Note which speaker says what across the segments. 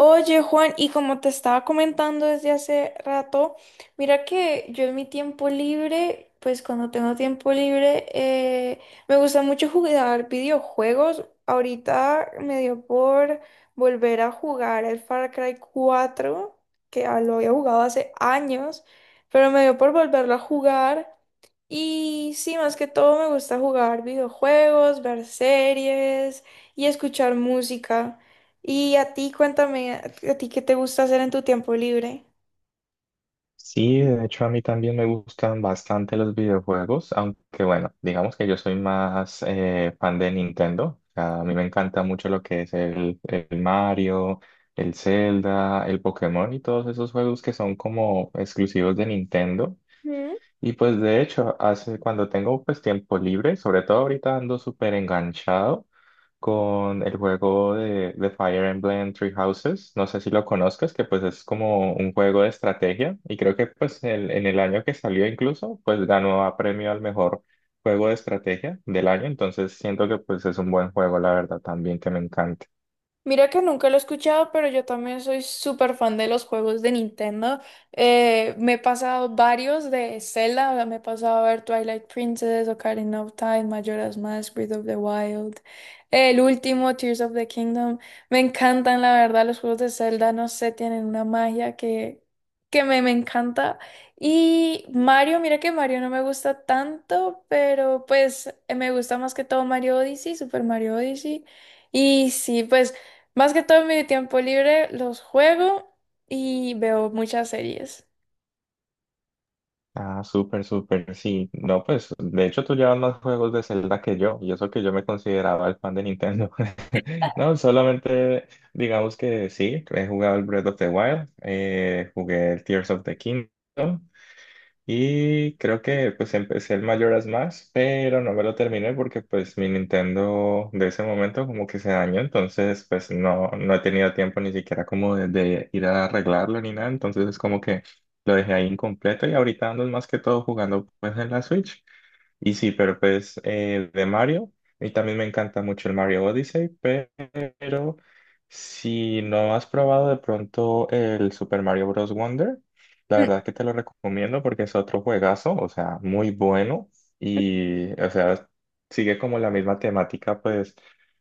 Speaker 1: Oye, Juan, y como te estaba comentando desde hace rato, mira que yo en mi tiempo libre, pues cuando tengo tiempo libre, me gusta mucho jugar videojuegos. Ahorita me dio por volver a jugar el Far Cry 4, que lo había jugado hace años, pero me dio por volverlo a jugar. Y sí, más que todo me gusta jugar videojuegos, ver series y escuchar música. Y a ti, cuéntame, ¿a ti qué te gusta hacer en tu tiempo libre?
Speaker 2: Sí, de hecho a mí también me gustan bastante los videojuegos, aunque bueno, digamos que yo soy más fan de Nintendo. O sea, a mí me encanta mucho lo que es el Mario, el Zelda, el Pokémon y todos esos juegos que son como exclusivos de Nintendo.
Speaker 1: Ujú.
Speaker 2: Y pues de hecho, hace cuando tengo pues tiempo libre, sobre todo ahorita ando súper enganchado con el juego de Fire Emblem Three Houses. No sé si lo conozcas, que pues es como un juego de estrategia y creo que pues en el año que salió incluso, pues ganó a premio al mejor juego de estrategia del año. Entonces siento que pues es un buen juego, la verdad, también que me encanta.
Speaker 1: Mira que nunca lo he escuchado, pero yo también soy súper fan de los juegos de Nintendo. Me he pasado varios de Zelda, o sea, me he pasado a ver Twilight Princess, Ocarina of Time, Majora's Mask, Breath of the Wild, el último, Tears of the Kingdom. Me encantan, la verdad, los juegos de Zelda, no sé, tienen una magia que me encanta. Y Mario, mira que Mario no me gusta tanto, pero pues me gusta más que todo Mario Odyssey, Super Mario Odyssey. Y sí, pues... Más que todo en mi tiempo libre los juego y veo muchas series.
Speaker 2: Ah, súper, súper, sí. No, pues, de hecho tú llevas más juegos de Zelda que yo, y eso que yo me consideraba el fan de Nintendo. No, solamente digamos que sí, he jugado el Breath of the Wild, jugué el Tears of the Kingdom. Y creo que pues empecé el Majora's Mask, pero no me lo terminé porque pues mi Nintendo de ese momento como que se dañó, entonces pues no, no he tenido tiempo ni siquiera como de ir a arreglarlo ni nada, entonces es como que lo dejé ahí incompleto y ahorita ando más que todo jugando pues en la Switch. Y sí, pero pues de Mario, y también me encanta mucho el Mario Odyssey, pero si no has probado de pronto el Super Mario Bros. Wonder, la
Speaker 1: Mm.
Speaker 2: verdad que te lo recomiendo porque es otro juegazo, o sea, muy bueno y, o sea, sigue como la misma temática pues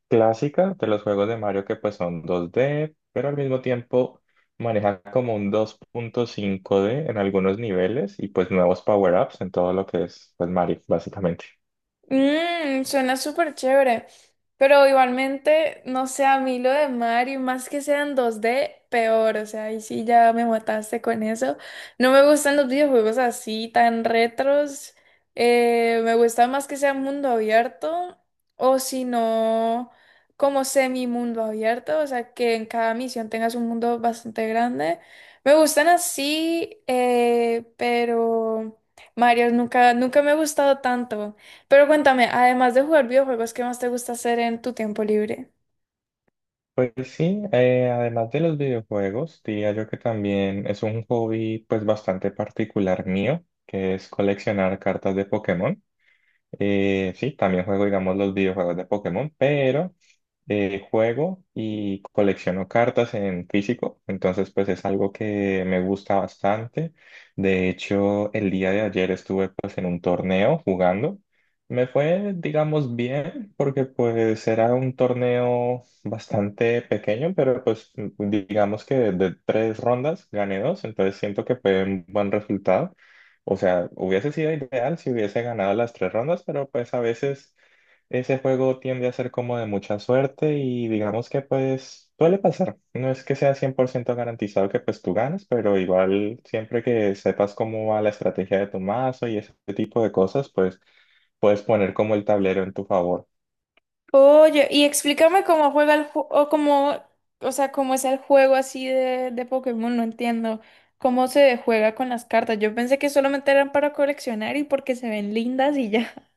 Speaker 2: clásica de los juegos de Mario que pues son 2D pero al mismo tiempo maneja como un 2,5D en algunos niveles y pues nuevos power-ups en todo lo que es pues Mario, básicamente.
Speaker 1: Mmm, suena súper chévere. Pero igualmente, no sé, a mí lo de Mario, más que sean dos d peor. O sea, ahí sí ya me mataste con eso. No me gustan los videojuegos así, tan retros. Me gusta más que sea mundo abierto. O si no, como semi mundo abierto. O sea, que en cada misión tengas un mundo bastante grande. Me gustan así, pero Mario nunca, nunca me ha gustado tanto. Pero cuéntame, además de jugar videojuegos, ¿qué más te gusta hacer en tu tiempo libre?
Speaker 2: Pues sí, además de los videojuegos, diría yo que también es un hobby pues bastante particular mío, que es coleccionar cartas de Pokémon. Sí, también juego, digamos, los videojuegos de Pokémon, pero juego y colecciono cartas en físico, entonces pues es algo que me gusta bastante. De hecho, el día de ayer estuve pues en un torneo jugando. Me fue, digamos, bien porque pues era un torneo bastante pequeño, pero pues digamos que de tres rondas gané dos, entonces siento que fue un buen resultado. O sea, hubiese sido ideal si hubiese ganado las tres rondas, pero pues a veces... Ese juego tiende a ser como de mucha suerte y digamos que pues suele pasar. No es que sea 100% garantizado que pues tú ganes, pero igual siempre que sepas cómo va la estrategia de tu mazo y ese tipo de cosas, pues puedes poner como el tablero en tu favor.
Speaker 1: Oye, y explícame cómo juega el juego, o cómo, o sea, cómo es el juego así de Pokémon, no entiendo. ¿Cómo se juega con las cartas? Yo pensé que solamente eran para coleccionar y porque se ven lindas y ya.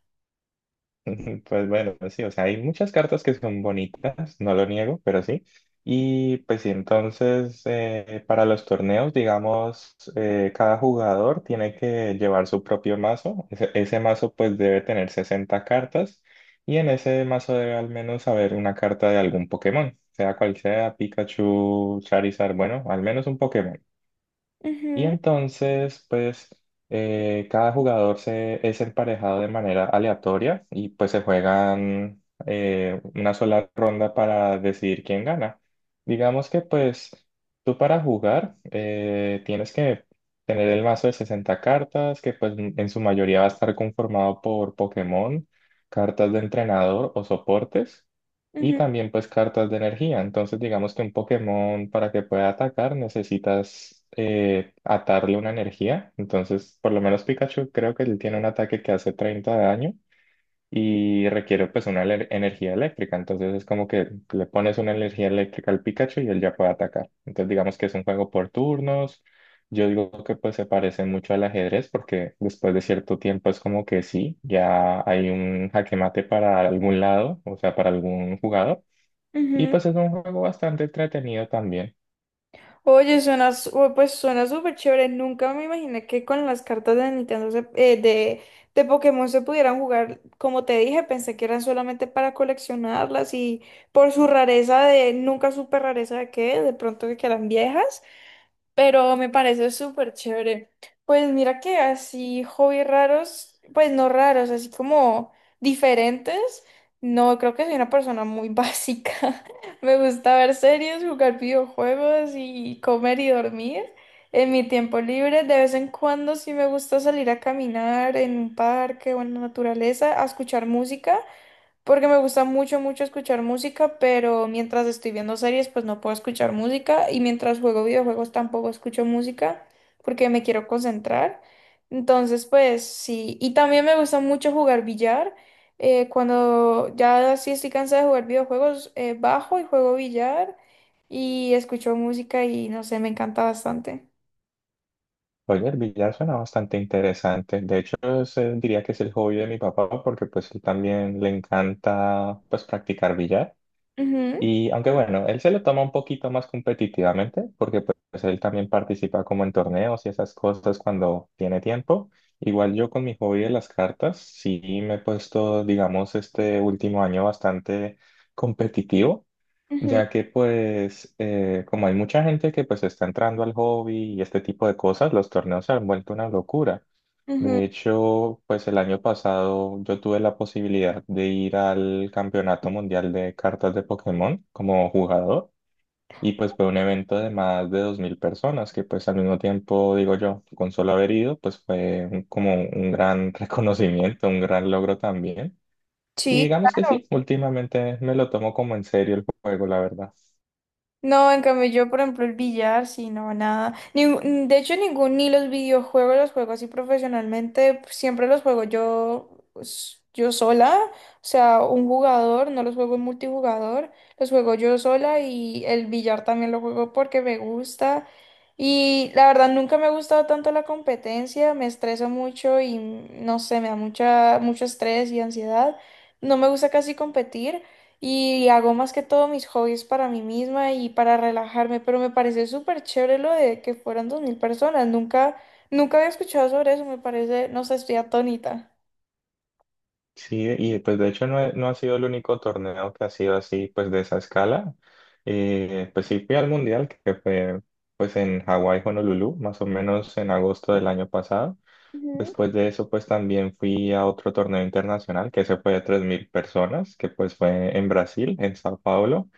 Speaker 2: Pues bueno, pues sí, o sea, hay muchas cartas que son bonitas, no lo niego, pero sí. Y pues sí, entonces para los torneos, digamos, cada jugador tiene que llevar su propio mazo. Ese mazo pues debe tener 60 cartas y en ese mazo debe al menos haber una carta de algún Pokémon, sea cual sea, Pikachu, Charizard, bueno, al menos un Pokémon. Y
Speaker 1: Ujú,
Speaker 2: entonces, pues, cada jugador es emparejado de manera aleatoria y pues se juegan una sola ronda para decidir quién gana. Digamos que pues tú para jugar tienes que tener el mazo de 60 cartas, que pues en su mayoría va a estar conformado por Pokémon, cartas de entrenador o soportes. Y
Speaker 1: ujú,
Speaker 2: también pues cartas de energía. Entonces digamos que un Pokémon para que pueda atacar necesitas atarle una energía. Entonces por lo menos Pikachu creo que él tiene un ataque que hace 30 de daño y requiere pues una energía eléctrica. Entonces es como que le pones una energía eléctrica al Pikachu y él ya puede atacar. Entonces digamos que es un juego por turnos. Yo digo que pues se parece mucho al ajedrez porque después de cierto tiempo es como que sí, ya hay un jaque mate para algún lado, o sea, para algún jugador. Y
Speaker 1: ujú.
Speaker 2: pues es un juego bastante entretenido también.
Speaker 1: Oye, suena, su- o- pues suena súper chévere. Nunca me imaginé que con las cartas de Nintendo, se- de Pokémon se pudieran jugar. Como te dije, pensé que eran solamente para coleccionarlas y por su rareza de, nunca supe rareza de qué, de pronto de que eran viejas pero me parece súper chévere. Pues mira que así hobbies raros, pues no raros, así como diferentes. No, creo que soy una persona muy básica. Me gusta ver series, jugar videojuegos y comer y dormir. En mi tiempo libre, de vez en cuando sí me gusta salir a caminar en un parque o en la naturaleza, a escuchar música. Porque me gusta mucho, mucho escuchar música, pero mientras estoy viendo series, pues no puedo escuchar música. Y mientras juego videojuegos tampoco escucho música porque me quiero concentrar. Entonces, pues sí. Y también me gusta mucho jugar billar. Cuando ya sí estoy cansada de jugar videojuegos, bajo y juego billar y escucho música y no sé, me encanta bastante.
Speaker 2: Oye, el billar suena bastante interesante. De hecho, es, diría que es el hobby de mi papá porque pues él también le encanta pues practicar billar.
Speaker 1: Ujú,
Speaker 2: Y aunque bueno, él se lo toma un poquito más competitivamente porque pues él también participa como en torneos y esas cosas cuando tiene tiempo. Igual yo con mi hobby de las cartas, sí me he puesto, digamos, este último año bastante competitivo.
Speaker 1: ujú,
Speaker 2: Ya que pues como hay mucha gente que pues está entrando al hobby y este tipo de cosas, los torneos se han vuelto una locura.
Speaker 1: ujú.
Speaker 2: De hecho, pues el año pasado yo tuve la posibilidad de ir al Campeonato Mundial de Cartas de Pokémon como jugador y pues fue un evento de más de 2.000 personas que pues al mismo tiempo, digo yo, con solo haber ido, pues fue como un gran reconocimiento, un gran logro también. Y
Speaker 1: Sí,
Speaker 2: digamos que sí, últimamente me lo tomo como en serio el juego, la verdad.
Speaker 1: no, en cambio yo, por ejemplo, el billar, sí, no, nada. Ningún- de hecho, ningún, ni los videojuegos los juego así profesionalmente, pues, siempre los juego yo, s- yo sola, o sea, un jugador, no los juego en multijugador, los juego yo sola y el billar también lo juego porque me gusta. Y la verdad, nunca me ha gustado tanto la competencia, me estreso mucho y no sé, me da mucha, mucho estrés y ansiedad. No me gusta casi competir. Y hago más que todo mis hobbies para mí misma y para relajarme, pero me parece súper chévere lo de que fueran 2000 personas. Nunca, nunca había escuchado sobre eso, me parece, no sé, estoy atónita.
Speaker 2: Sí, y pues de hecho no, no ha sido el único torneo que ha sido así, pues de esa escala. Pues sí fui al Mundial, que fue pues en Hawái, Honolulu, más o menos en agosto del año pasado.
Speaker 1: Ujú.
Speaker 2: Después de eso, pues también fui a otro torneo internacional, que se fue de 3.000 personas, que pues fue en Brasil, en Sao Paulo.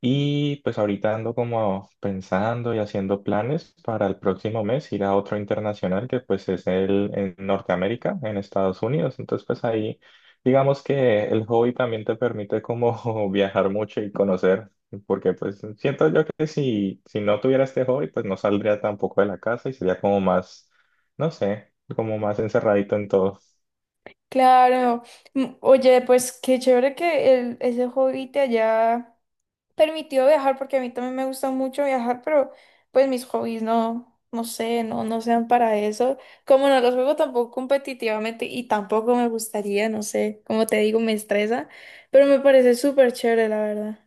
Speaker 2: Y pues ahorita ando como pensando y haciendo planes para el próximo mes ir a otro internacional que pues es el en Norteamérica, en Estados Unidos. Entonces pues ahí digamos que el hobby también te permite como viajar mucho y conocer, porque pues siento yo que si, no tuviera este hobby pues no saldría tampoco de la casa y sería como más, no sé, como más encerradito en todo.
Speaker 1: Claro. Mm, oye, pues qué chévere que el, ese hobby te haya permitido viajar porque a mí también me gusta mucho viajar, pero pues mis hobbies no, no sé, no, no sean para eso. Como no los juego tampoco competitivamente y tampoco me gustaría, no sé, como te digo, me estresa, pero me parece súper chévere, la verdad.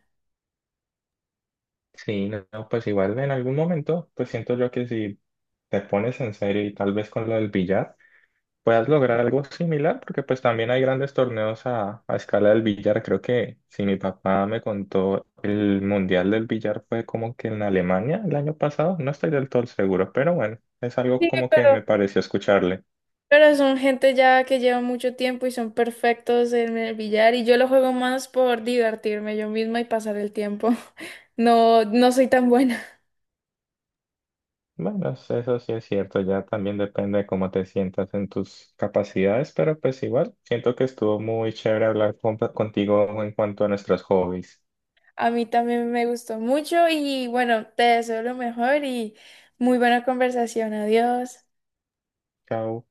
Speaker 2: Sí, no, no, pues igual en algún momento pues siento yo que si te pones en serio y tal vez con lo del billar, puedas lograr algo similar, porque pues también hay grandes torneos a escala del billar. Creo que si mi papá me contó, el mundial del billar fue como que en Alemania el año pasado, no estoy del todo seguro, pero bueno, es algo
Speaker 1: Sí,
Speaker 2: como que me pareció escucharle.
Speaker 1: pero son gente ya que lleva mucho tiempo y son perfectos en el billar y yo lo juego más por divertirme yo misma y pasar el tiempo. No, no soy tan buena.
Speaker 2: Bueno, eso sí es cierto, ya también depende de cómo te sientas en tus capacidades, pero pues igual, siento que estuvo muy chévere hablar contigo en cuanto a nuestros hobbies.
Speaker 1: A mí también me gustó mucho y bueno, te deseo lo mejor y muy buena conversación. Adiós.
Speaker 2: Chao.